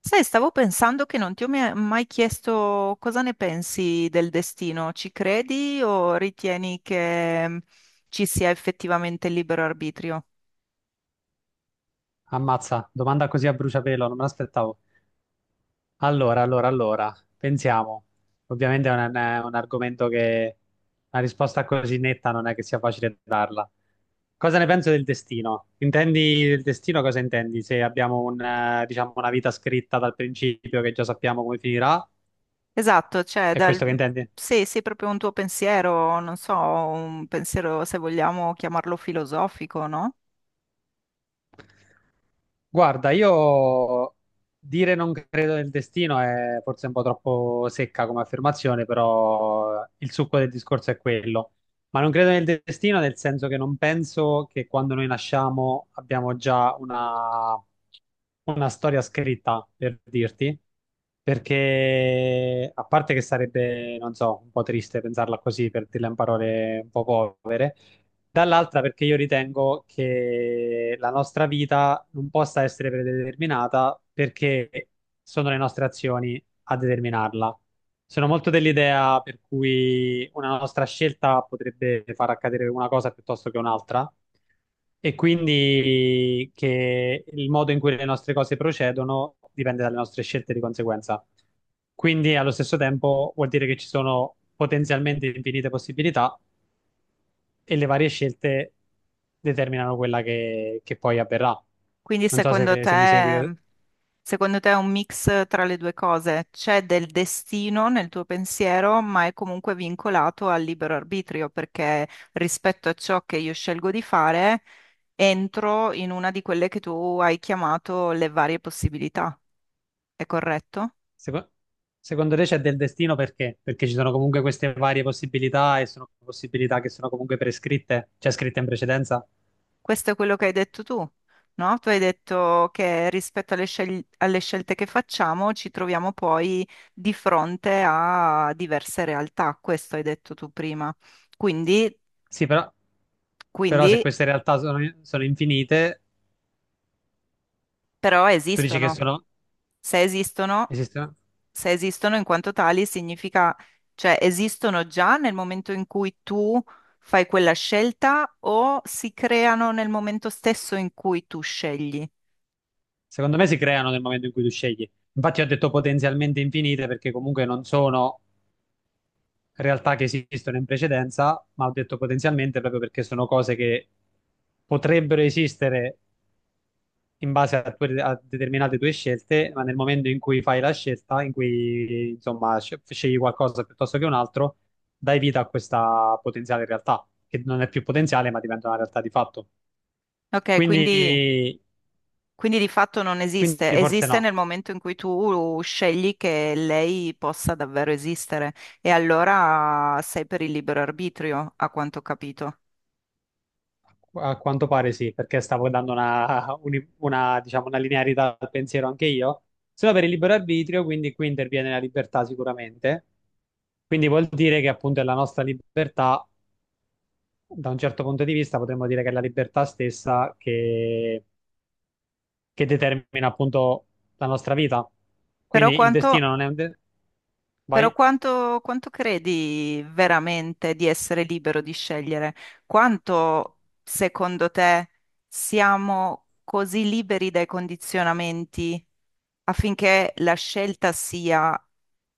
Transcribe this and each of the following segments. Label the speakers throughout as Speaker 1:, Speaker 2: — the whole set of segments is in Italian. Speaker 1: Sai, stavo pensando che non ti ho mai mai chiesto cosa ne pensi del destino. Ci credi o ritieni che ci sia effettivamente il libero arbitrio?
Speaker 2: Ammazza, domanda così a bruciapelo, non me l'aspettavo. Allora, pensiamo. Ovviamente è un argomento che una risposta così netta non è che sia facile darla. Cosa ne penso del destino? Intendi del destino cosa intendi? Se abbiamo diciamo, una vita scritta dal principio che già sappiamo come finirà,
Speaker 1: Esatto, cioè,
Speaker 2: è questo che intendi?
Speaker 1: se è proprio un tuo pensiero, non so, un pensiero se vogliamo chiamarlo filosofico, no?
Speaker 2: Guarda, io dire non credo nel destino è forse un po' troppo secca come affermazione, però il succo del discorso è quello. Ma non credo nel destino nel senso che non penso che quando noi nasciamo abbiamo già una storia scritta, per dirti, perché a parte che sarebbe, non so, un po' triste pensarla così, per dirla in parole un po' povere. Dall'altra perché io ritengo che la nostra vita non possa essere predeterminata perché sono le nostre azioni a determinarla. Sono molto dell'idea per cui una nostra scelta potrebbe far accadere una cosa piuttosto che un'altra e quindi che il modo in cui le nostre cose procedono dipende dalle nostre scelte di conseguenza. Quindi allo stesso tempo vuol dire che ci sono potenzialmente infinite possibilità e le varie scelte determinano quella che poi avverrà.
Speaker 1: Quindi
Speaker 2: Non so
Speaker 1: secondo
Speaker 2: se mi segui.
Speaker 1: te. Secondo te è un mix tra le due cose? C'è del destino nel tuo pensiero, ma è comunque vincolato al libero arbitrio, perché rispetto a ciò che io scelgo di fare, entro in una di quelle che tu hai chiamato le varie possibilità. È corretto?
Speaker 2: Seco- secondo te c'è del destino perché? Perché ci sono comunque queste varie possibilità e sono possibilità che sono comunque prescritte, cioè scritte in precedenza.
Speaker 1: Questo è quello che hai detto tu, no? Tu hai detto che rispetto alle alle scelte che facciamo, ci troviamo poi di fronte a diverse realtà. Questo hai detto tu prima. Quindi.
Speaker 2: Sì, però, però se
Speaker 1: Quindi
Speaker 2: queste realtà sono infinite,
Speaker 1: Però
Speaker 2: tu dici che
Speaker 1: esistono. Se esistono,
Speaker 2: esistono?
Speaker 1: se esistono in quanto tali, significa, cioè, esistono già nel momento in cui tu fai quella scelta o si creano nel momento stesso in cui tu scegli.
Speaker 2: Secondo me si creano nel momento in cui tu scegli. Infatti ho detto potenzialmente infinite perché comunque non sono realtà che esistono in precedenza, ma ho detto potenzialmente proprio perché sono cose che potrebbero esistere in base a determinate tue scelte, ma nel momento in cui fai la scelta, in cui insomma scegli qualcosa piuttosto che un altro, dai vita a questa potenziale realtà, che non è più potenziale, ma diventa una realtà di fatto.
Speaker 1: Ok, quindi,
Speaker 2: Quindi,
Speaker 1: quindi di fatto non
Speaker 2: quindi
Speaker 1: esiste.
Speaker 2: forse
Speaker 1: Esiste
Speaker 2: no.
Speaker 1: nel momento in cui tu scegli che lei possa davvero esistere. E allora sei per il libero arbitrio, a quanto ho capito.
Speaker 2: A quanto pare sì, perché stavo dando una, diciamo, una linearità al pensiero anche io. Solo per il libero arbitrio, quindi qui interviene la libertà sicuramente. Quindi vuol dire che appunto è la nostra libertà, da un certo punto di vista potremmo dire che è la libertà stessa che determina appunto la nostra vita.
Speaker 1: Però
Speaker 2: Quindi il destino
Speaker 1: quanto,
Speaker 2: non è un.
Speaker 1: Però
Speaker 2: Vai?
Speaker 1: quanto, quanto credi veramente di essere libero di scegliere? Quanto, secondo te, siamo così liberi dai condizionamenti affinché la scelta sia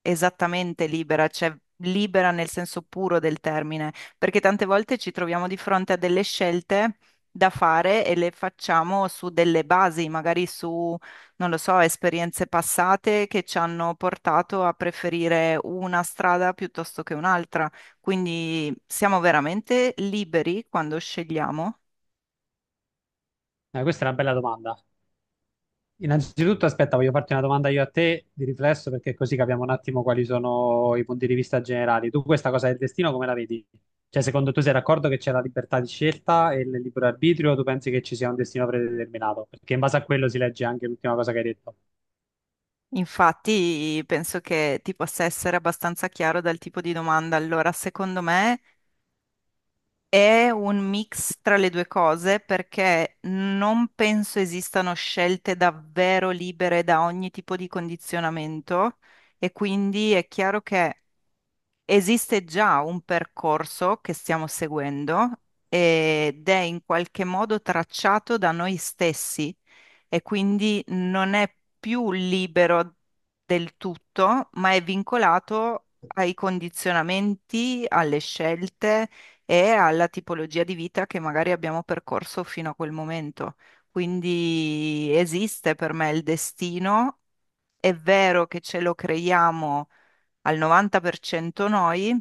Speaker 1: esattamente libera, cioè libera nel senso puro del termine? Perché tante volte ci troviamo di fronte a delle scelte da fare e le facciamo su delle basi, magari su non lo so, esperienze passate che ci hanno portato a preferire una strada piuttosto che un'altra. Quindi siamo veramente liberi quando scegliamo.
Speaker 2: Questa è una bella domanda. Innanzitutto, aspetta, voglio farti una domanda io a te di riflesso perché così capiamo un attimo quali sono i punti di vista generali. Tu questa cosa del destino come la vedi? Cioè, secondo tu sei d'accordo che c'è la libertà di scelta e il libero arbitrio o tu pensi che ci sia un destino predeterminato? Perché in base a quello si legge anche l'ultima cosa che hai detto.
Speaker 1: Infatti, penso che ti possa essere abbastanza chiaro dal tipo di domanda. Allora, secondo me è un mix tra le due cose perché non penso esistano scelte davvero libere da ogni tipo di condizionamento e quindi è chiaro che esiste già un percorso che stiamo seguendo ed è in qualche modo tracciato da noi stessi e quindi non è più libero del tutto, ma è vincolato ai condizionamenti, alle scelte e alla tipologia di vita che magari abbiamo percorso fino a quel momento. Quindi esiste per me il destino, è vero che ce lo creiamo al 90% noi,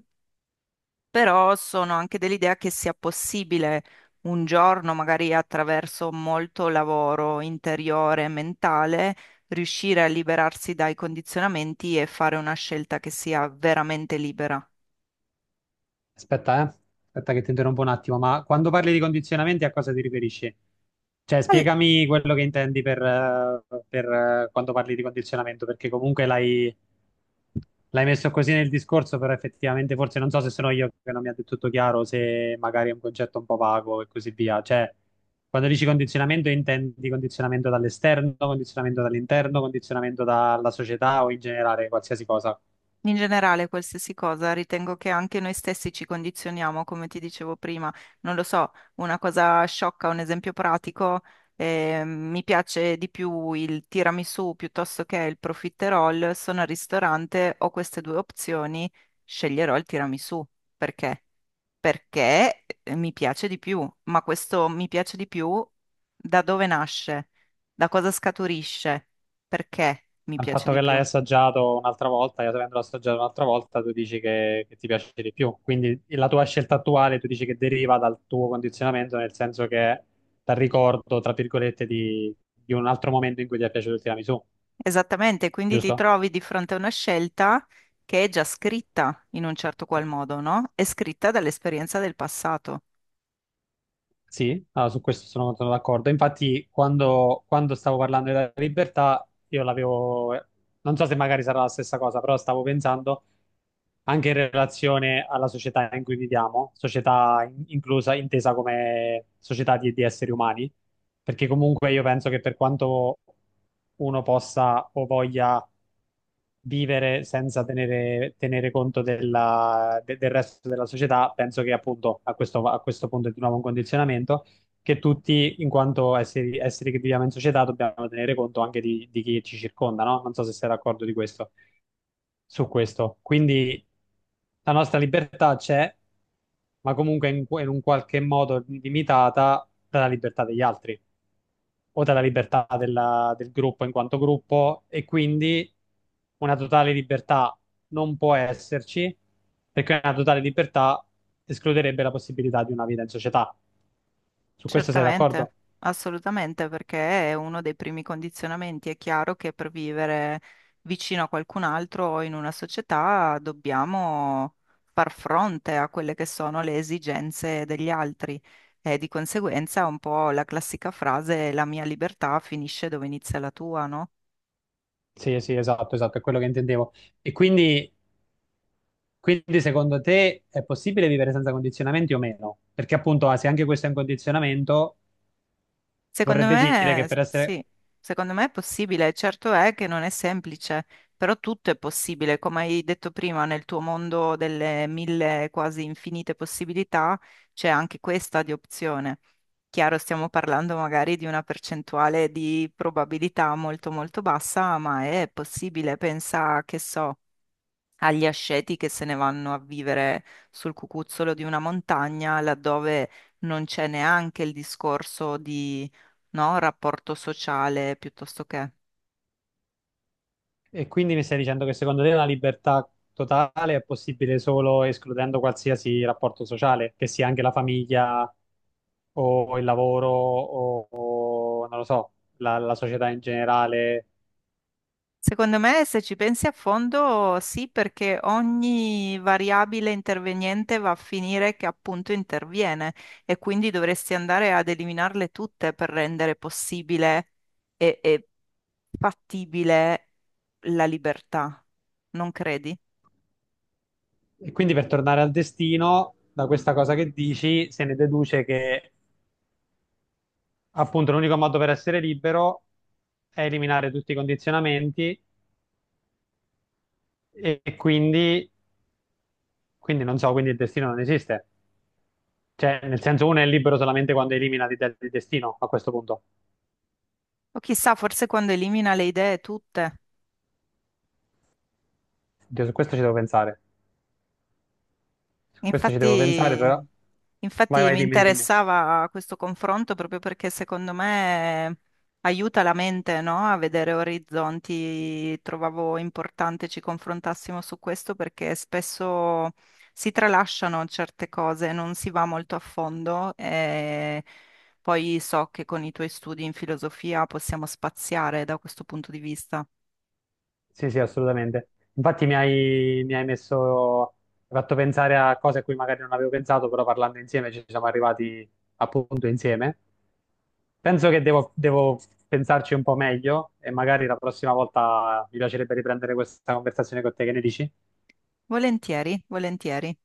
Speaker 1: però sono anche dell'idea che sia possibile un giorno, magari attraverso molto lavoro interiore e mentale, riuscire a liberarsi dai condizionamenti e fare una scelta che sia veramente libera.
Speaker 2: Aspetta, eh. Aspetta che ti interrompo un attimo, ma quando parli di condizionamenti a cosa ti riferisci? Cioè, spiegami quello che intendi quando parli di condizionamento, perché comunque l'hai messo così nel discorso, però effettivamente forse non so se sono io che non mi ha detto tutto chiaro, se magari è un concetto un po' vago e così via. Cioè, quando dici condizionamento intendi condizionamento dall'esterno, condizionamento dall'interno, condizionamento dalla società o in generale qualsiasi cosa.
Speaker 1: In generale, qualsiasi cosa, ritengo che anche noi stessi ci condizioniamo, come ti dicevo prima. Non lo so, una cosa sciocca, un esempio pratico, mi piace di più il tiramisù piuttosto che il profiterol. Sono al ristorante, ho queste due opzioni, sceglierò il tiramisù. Perché? Perché mi piace di più, ma questo mi piace di più da dove nasce? Da cosa scaturisce? Perché mi
Speaker 2: Al
Speaker 1: piace
Speaker 2: fatto
Speaker 1: di
Speaker 2: che l'hai
Speaker 1: più?
Speaker 2: assaggiato un'altra volta, io avendolo assaggiato un'altra volta, tu dici che ti piace di più. Quindi la tua scelta attuale, tu dici che deriva dal tuo condizionamento, nel senso che è dal ricordo, tra virgolette, di un altro momento in cui ti è piaciuto il tiramisù,
Speaker 1: Esattamente, quindi ti
Speaker 2: giusto?
Speaker 1: trovi di fronte a una scelta che è già scritta in un certo qual modo, no? È scritta dall'esperienza del passato.
Speaker 2: Sì, ah, su questo sono, sono d'accordo. Infatti, quando stavo parlando della libertà, io l'avevo, non so se magari sarà la stessa cosa, però stavo pensando anche in relazione alla società in cui viviamo, società inclusa, intesa come società di esseri umani, perché comunque io penso che per quanto uno possa o voglia vivere senza tenere conto del resto della società, penso che appunto a questo punto è di nuovo un condizionamento che tutti, in quanto esseri che viviamo in società, dobbiamo tenere conto anche di chi ci circonda, no? Non so se sei d'accordo di questo su questo. Quindi la nostra libertà c'è, ma comunque in un qualche modo limitata dalla libertà degli altri o dalla libertà del gruppo in quanto gruppo e quindi una totale libertà non può esserci perché una totale libertà escluderebbe la possibilità di una vita in società. Su questo sei d'accordo?
Speaker 1: Certamente, assolutamente, perché è uno dei primi condizionamenti. È chiaro che per vivere vicino a qualcun altro o in una società dobbiamo far fronte a quelle che sono le esigenze degli altri e di conseguenza un po' la classica frase la mia libertà finisce dove inizia la tua, no?
Speaker 2: Sì, sì, esatto, esatto, è quello che intendevo. E quindi Quindi secondo te è possibile vivere senza condizionamenti o meno? Perché appunto, ah, se anche questo è un condizionamento,
Speaker 1: Secondo
Speaker 2: vorrebbe dire che
Speaker 1: me,
Speaker 2: per essere.
Speaker 1: sì, secondo me è possibile. Certo è che non è semplice, però tutto è possibile. Come hai detto prima, nel tuo mondo delle mille quasi infinite possibilità c'è anche questa di opzione. Chiaro, stiamo parlando magari di una percentuale di probabilità molto molto bassa, ma è possibile. Pensa, che so agli asceti che se ne vanno a vivere sul cucuzzolo di una montagna, laddove non c'è neanche il discorso di, no, rapporto sociale piuttosto che.
Speaker 2: E quindi mi stai dicendo che secondo te la libertà totale è possibile solo escludendo qualsiasi rapporto sociale, che sia anche la famiglia o il lavoro o non lo so, la società in generale.
Speaker 1: Secondo me, se ci pensi a fondo, sì, perché ogni variabile interveniente va a finire che appunto interviene e quindi dovresti andare ad eliminarle tutte per rendere possibile e fattibile la libertà, non credi?
Speaker 2: E quindi per tornare al destino, da questa cosa che dici, se ne deduce che appunto l'unico modo per essere libero è eliminare tutti i condizionamenti e quindi non so, quindi il destino non esiste. Cioè, nel senso, uno è libero solamente quando elimina del destino, a questo punto.
Speaker 1: O chissà, forse quando elimina le idee tutte.
Speaker 2: Oddio, su questo ci devo pensare. Questo ci devo pensare, però.
Speaker 1: Infatti,
Speaker 2: Vai,
Speaker 1: infatti
Speaker 2: vai,
Speaker 1: mi
Speaker 2: dimmi, dimmi.
Speaker 1: interessava questo confronto proprio perché secondo me aiuta la mente, no? A vedere orizzonti. Trovavo importante ci confrontassimo su questo perché spesso si tralasciano certe cose, non si va molto a fondo e poi so che con i tuoi studi in filosofia possiamo spaziare da questo punto di vista.
Speaker 2: Sì, sì, assolutamente. Infatti mi hai messo. Mi hai, fatto pensare a cose a cui magari non avevo pensato, però parlando insieme ci siamo arrivati appunto insieme. Penso che devo pensarci un po' meglio e magari la prossima volta mi piacerebbe riprendere questa conversazione con te, che ne dici?
Speaker 1: Volentieri, volentieri.